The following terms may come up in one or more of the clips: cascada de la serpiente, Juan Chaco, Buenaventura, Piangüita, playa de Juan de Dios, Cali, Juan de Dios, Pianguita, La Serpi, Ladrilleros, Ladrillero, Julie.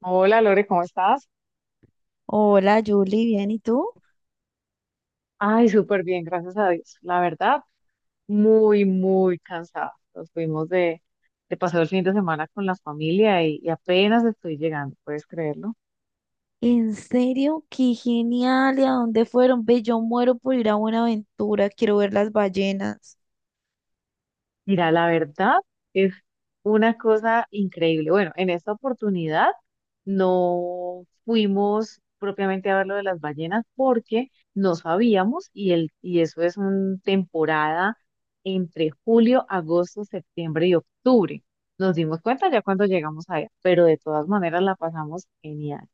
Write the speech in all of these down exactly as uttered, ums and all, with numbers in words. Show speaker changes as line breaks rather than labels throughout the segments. Hola Lore, ¿cómo estás?
Hola, Julie, bien, ¿y tú?
Ay, súper bien, gracias a Dios. La verdad, muy, muy cansada. Nos fuimos de, de paseo el fin de semana con la familia y, y apenas estoy llegando, ¿puedes creerlo?
¿En serio? ¡Qué genial! ¿Y a dónde fueron? Ve, yo muero por ir a Buenaventura, quiero ver las ballenas.
Mira, la verdad es una cosa increíble. Bueno, en esta oportunidad no fuimos propiamente a ver lo de las ballenas porque no sabíamos y, el, y eso es una temporada entre julio, agosto, septiembre y octubre. Nos dimos cuenta ya cuando llegamos allá, pero de todas maneras la pasamos genial.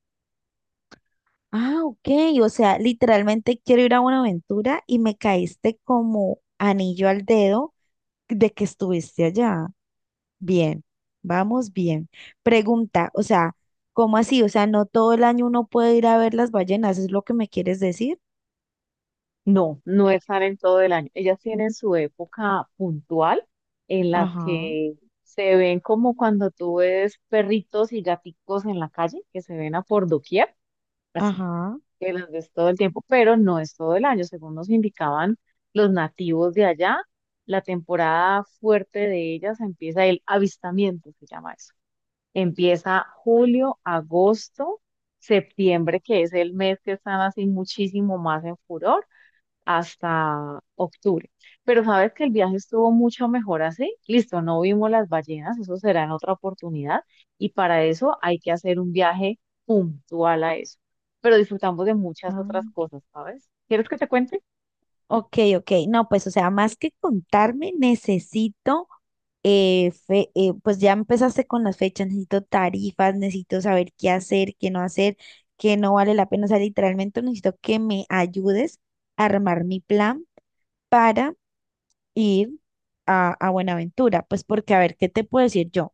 Ah, ok, o sea, literalmente quiero ir a Buenaventura y me caíste como anillo al dedo de que estuviste allá. Bien, vamos bien. Pregunta, o sea, ¿cómo así? O sea, no todo el año uno puede ir a ver las ballenas, ¿es lo que me quieres decir?
No, no están en todo el año. Ellas tienen su época puntual en la
Ajá,
que se ven como cuando tú ves perritos y gaticos en la calle, que se ven a por doquier, así,
ajá.
que las ves todo el tiempo, pero no es todo el año. Según nos indicaban los nativos de allá, la temporada fuerte de ellas empieza el avistamiento, se llama eso. Empieza julio, agosto, septiembre, que es el mes que están así muchísimo más en furor hasta octubre. Pero sabes que el viaje estuvo mucho mejor así. Listo, no vimos las ballenas, eso será en otra oportunidad. Y para eso hay que hacer un viaje puntual a eso. Pero disfrutamos de muchas
Ah.
otras cosas, ¿sabes? ¿Quieres que te cuente?
Ok, ok, no, pues o sea, más que contarme, necesito, eh, fe- eh, pues ya empezaste con las fechas, necesito tarifas, necesito saber qué hacer, qué no hacer, qué no vale la pena, o sea, literalmente necesito que me ayudes a armar mi plan para ir a, a Buenaventura, pues porque a ver, ¿qué te puedo decir yo?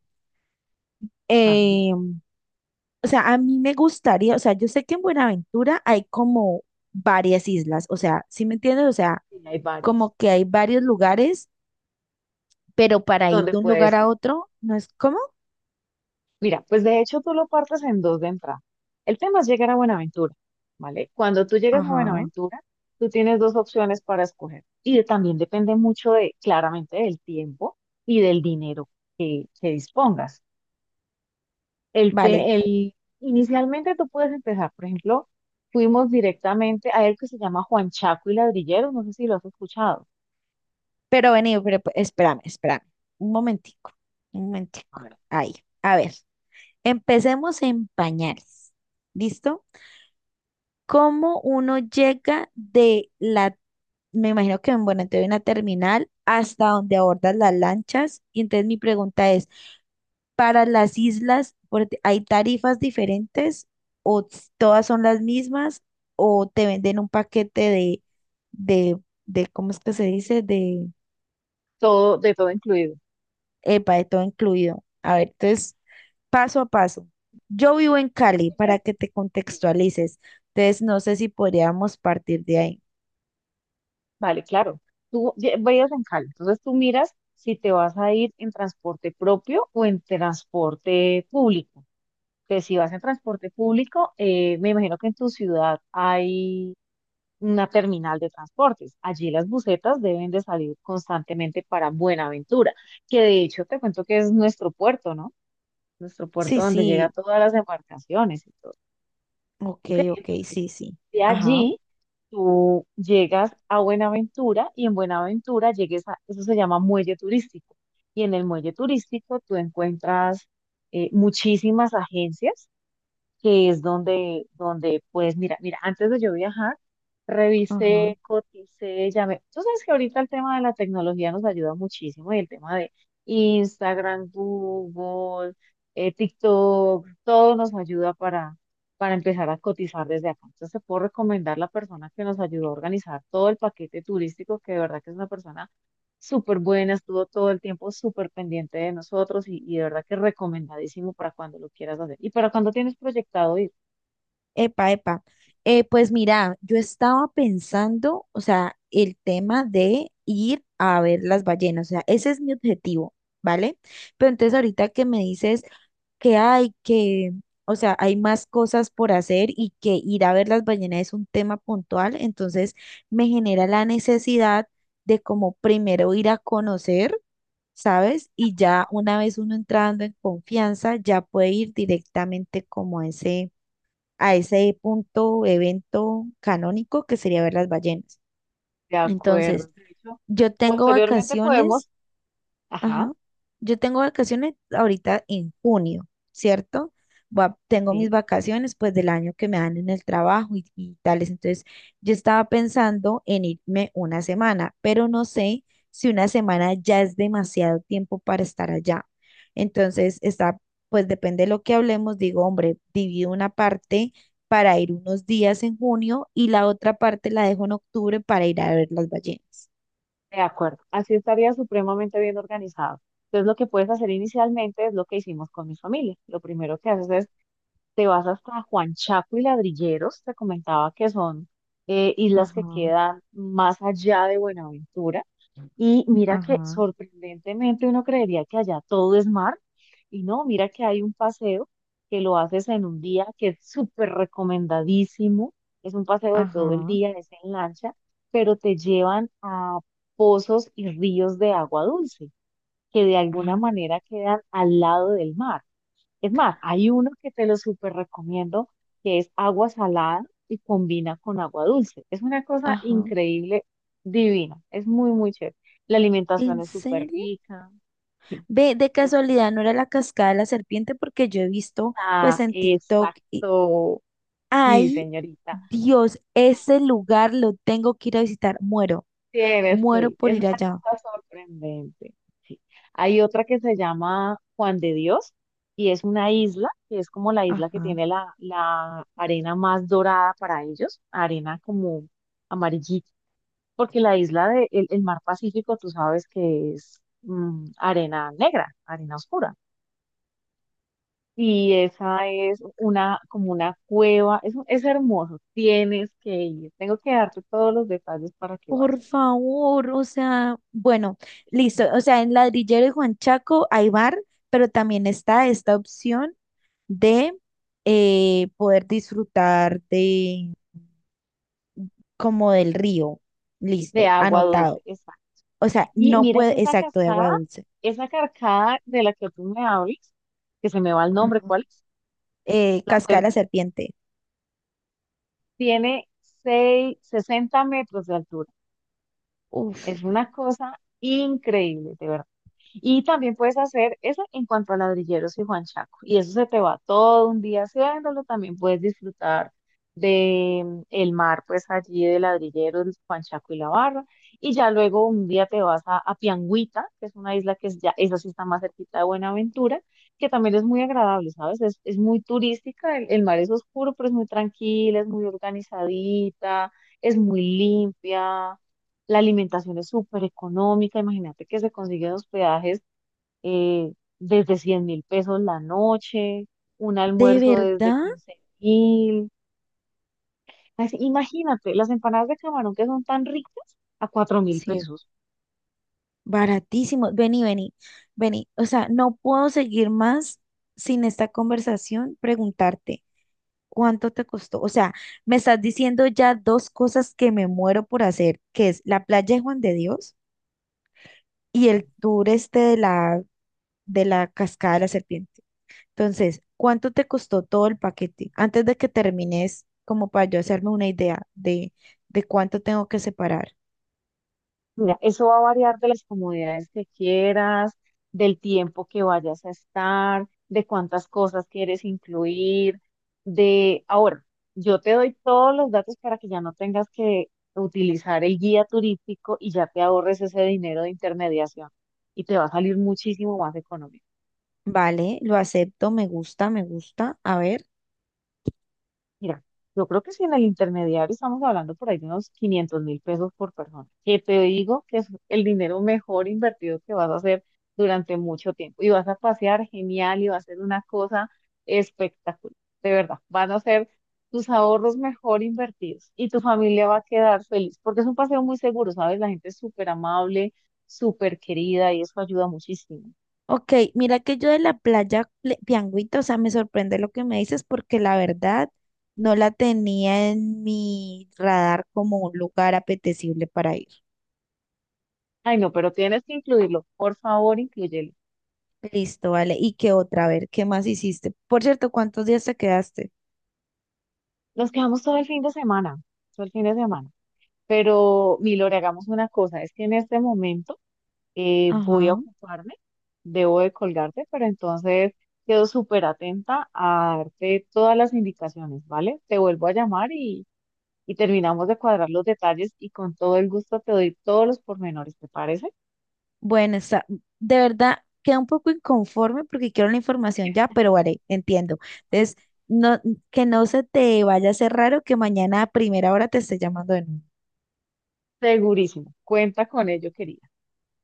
Ah, bueno,
Eh, o sea, a mí me gustaría, o sea, yo sé que en Buenaventura hay como varias islas, o sea, ¿sí me entiendes? O sea,
sí, hay varias.
como que hay varios lugares pero para ir
¿Dónde
de un lugar
puedes ir?
a otro, ¿no es cómo?
Mira, pues de hecho tú lo partes en dos de entrada. El tema es llegar a Buenaventura, ¿vale? Cuando tú llegas a
Ajá,
Buenaventura, tú tienes dos opciones para escoger. Y de- también depende mucho de, claramente, del tiempo y del dinero que, que dispongas. El
vale.
te- el, Inicialmente tú puedes empezar, por ejemplo, fuimos directamente a el que se llama Juan Chaco y Ladrilleros, no sé si lo has escuchado.
Pero vení, pero pe- espérame, espérame. Un momentico, un
A
momentico.
ver.
Ahí, a ver, empecemos en pañales. ¿Listo? ¿Cómo uno llega de la, me imagino que, bueno, entonces una terminal hasta donde abordan las lanchas? Y entonces mi pregunta es, para las islas, por- ¿hay tarifas diferentes o s- todas son las mismas o te venden un paquete de, de, de ¿cómo es que se dice? De,
Todo, de todo incluido.
epa, de todo incluido. A ver, entonces, paso a paso. Yo vivo en Cali, para que te contextualices. Entonces, no sé si podríamos partir de ahí.
Vale, claro. Tú ve- veías en Cali, entonces tú miras si te vas a ir en transporte propio o en transporte público. Entonces, si vas en transporte público, eh, me imagino que en tu ciudad hay una terminal de transportes. Allí las busetas deben de salir constantemente para Buenaventura, que de hecho te cuento que es nuestro puerto, ¿no? Nuestro
Sí,
puerto donde llega
sí,
todas las embarcaciones y todo.
ok,
Ok,
ok, sí, sí.
de
Ajá,
allí tú llegas a Buenaventura y en Buenaventura llegues a, eso se llama muelle turístico. Y en el muelle turístico tú encuentras eh, muchísimas agencias que es donde, donde, pues, mira, mira, antes de yo viajar,
ajá.
revisé, coticé, llamé. Tú sabes que ahorita el tema de la tecnología nos ayuda muchísimo y el tema de Instagram, Google, eh, TikTok, todo nos ayuda para, para empezar a cotizar desde acá. Entonces, te puedo recomendar la persona que nos ayudó a organizar todo el paquete turístico, que de verdad que es una persona súper buena, estuvo todo el tiempo súper pendiente de nosotros y, y de verdad que recomendadísimo para cuando lo quieras hacer y para cuando tienes proyectado ir.
Epa, epa. Eh, pues mira, yo estaba pensando, o sea, el tema de ir a ver las ballenas, o sea, ese es mi objetivo, ¿vale? Pero entonces ahorita que me dices que hay que, o sea, hay más cosas por hacer y que ir a ver las ballenas es un tema puntual, entonces me genera la necesidad de como primero ir a conocer, ¿sabes? Y ya una vez uno entrando en confianza, ya puede ir directamente como a ese a ese punto, evento canónico que sería ver las ballenas.
De acuerdo.
Entonces,
De hecho,
yo tengo
posteriormente
vacaciones.
podemos, ajá,
Ajá. Yo tengo vacaciones ahorita en junio, ¿cierto? Va- tengo mis
sí,
vacaciones pues del año que me dan en el trabajo y, y tales. Entonces, yo estaba pensando en irme una semana, pero no sé si una semana ya es demasiado tiempo para estar allá. Entonces, está, pues depende de lo que hablemos, digo, hombre, divido una parte para ir unos días en junio y la otra parte la dejo en octubre para ir a ver las ballenas.
de acuerdo. Así estaría supremamente bien organizado. Entonces, lo que puedes hacer inicialmente es lo que hicimos con mi familia. Lo primero que haces es, te vas hasta Juan Chaco y Ladrilleros, te comentaba que son eh, islas que
Ajá,
quedan más allá de Buenaventura. Y mira que
ajá,
sorprendentemente uno creería que allá todo es mar, y no, mira que hay un paseo que lo haces en un día que es súper recomendadísimo, es un paseo de todo el
ajá.
día, es en lancha, pero te llevan a pozos y ríos de agua dulce, que de alguna
Ah.
manera quedan al lado del mar. Es más, hay uno que te lo súper recomiendo, que es agua salada y combina con agua dulce. Es una cosa
Ajá.
increíble, divina. Es muy, muy chévere. La alimentación
¿En
es súper
serio?
rica. Sí,
Ve, de
es,
casualidad, ¿no era la cascada de la serpiente? Porque yo he visto, pues,
ah,
en TikTok y
exacto. Sí,
ay,
señorita.
Dios, ese lugar lo tengo que ir a visitar. Muero,
Tienes que
muero
ir.
por
Es
ir
una
allá.
cosa sorprendente. Sí. Hay otra que se llama Juan de Dios y es una isla, que es como la isla que
Ajá.
tiene la, la arena más dorada para ellos, arena como amarillita, porque la isla del el el mar Pacífico, tú sabes que es mm, arena negra, arena oscura. Y esa es una, como una cueva, es, es hermoso, tienes que ir. Tengo que darte todos los detalles para que
Por
vayas.
favor, o sea, bueno, listo.
Sí,
O sea, en Ladrillero y Juan Chaco hay bar, pero también está esta opción de eh, poder disfrutar de como del río.
de
Listo,
agua dulce,
anotado.
exacto.
O sea,
Y
no
mira que
puede,
esa
exacto, de
cascada,
agua dulce.
esa carcada de la que tú me hablas, que se me va el nombre,
Ajá.
¿cuál es?
Eh,
La
Cascada de la
Serpi.
serpiente.
Tiene seis, sesenta metros de altura.
Uf,
Es una cosa increíble, de verdad. Y también puedes hacer eso en cuanto a Ladrilleros y Juan Chaco. Y eso se te va todo un día haciéndolo. También puedes disfrutar de mm, el mar, pues allí de Ladrilleros, Juan Chaco y la barra. Y ya luego un día te vas a, a Piangüita, que es una isla que es ya, esa sí está más cerquita de Buenaventura, que también es muy agradable, ¿sabes? Es, es muy turística, el, el mar es oscuro, pero es muy tranquila, es muy organizadita, es muy limpia. La alimentación es súper económica, imagínate que se consiguen hospedajes eh, desde cien mil pesos la noche, un
¿de
almuerzo desde
verdad?
quince mil. Imagínate, las empanadas de camarón que son tan ricas a cuatro mil
Sí.
pesos.
Baratísimo. Vení, vení, vení. O sea, no puedo seguir más sin esta conversación, preguntarte cuánto te costó. O sea, me estás diciendo ya dos cosas que me muero por hacer, que es la playa de Juan de Dios y el tour este de la, de la cascada de la serpiente. Entonces, ¿cuánto te costó todo el paquete? Antes de que termines, como para yo hacerme una idea de, de cuánto tengo que separar.
Mira, eso va a variar de las comodidades que quieras, del tiempo que vayas a estar, de cuántas cosas quieres incluir, de... Ahora, yo te doy todos los datos para que ya no tengas que utilizar el guía turístico y ya te ahorres ese dinero de intermediación y te va a salir muchísimo más económico.
Vale, lo acepto, me gusta, me gusta. A ver.
Mira, yo creo que si en el intermediario estamos hablando por ahí de unos quinientos mil pesos por persona, que te digo que es el dinero mejor invertido que vas a hacer durante mucho tiempo. Y vas a pasear genial y va a ser una cosa espectacular. De verdad, van a ser tus ahorros mejor invertidos y tu familia va a quedar feliz porque es un paseo muy seguro, ¿sabes? La gente es súper amable, súper querida y eso ayuda muchísimo.
Ok, mira que yo de la playa Ple- Pianguita, o sea, me sorprende lo que me dices porque la verdad no la tenía en mi radar como un lugar apetecible para ir.
Ay, no, pero tienes que incluirlo. Por favor, inclúyelo.
Listo, vale. ¿Y qué otra? A ver, ¿qué más hiciste? Por cierto, ¿cuántos días te quedaste?
Nos quedamos todo el fin de semana. Todo el fin de semana. Pero, Milore, hagamos una cosa, es que en este momento eh, voy a
Ajá.
ocuparme, debo de colgarte, pero entonces quedo súper atenta a darte todas las indicaciones, ¿vale? Te vuelvo a llamar y, y terminamos de cuadrar los detalles y con todo el gusto te doy todos los pormenores, ¿te parece?
Bueno, está, de verdad, queda un poco inconforme porque quiero la información ya, pero vale, entiendo. Entonces, no, que no se te vaya a hacer raro que mañana a primera hora te esté llamando de nuevo.
Segurísimo, cuenta con ello, querida.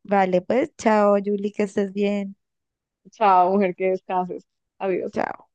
Vale, pues, chao, Julie, que estés bien.
Chao, mujer, que descanses. Adiós.
Chao.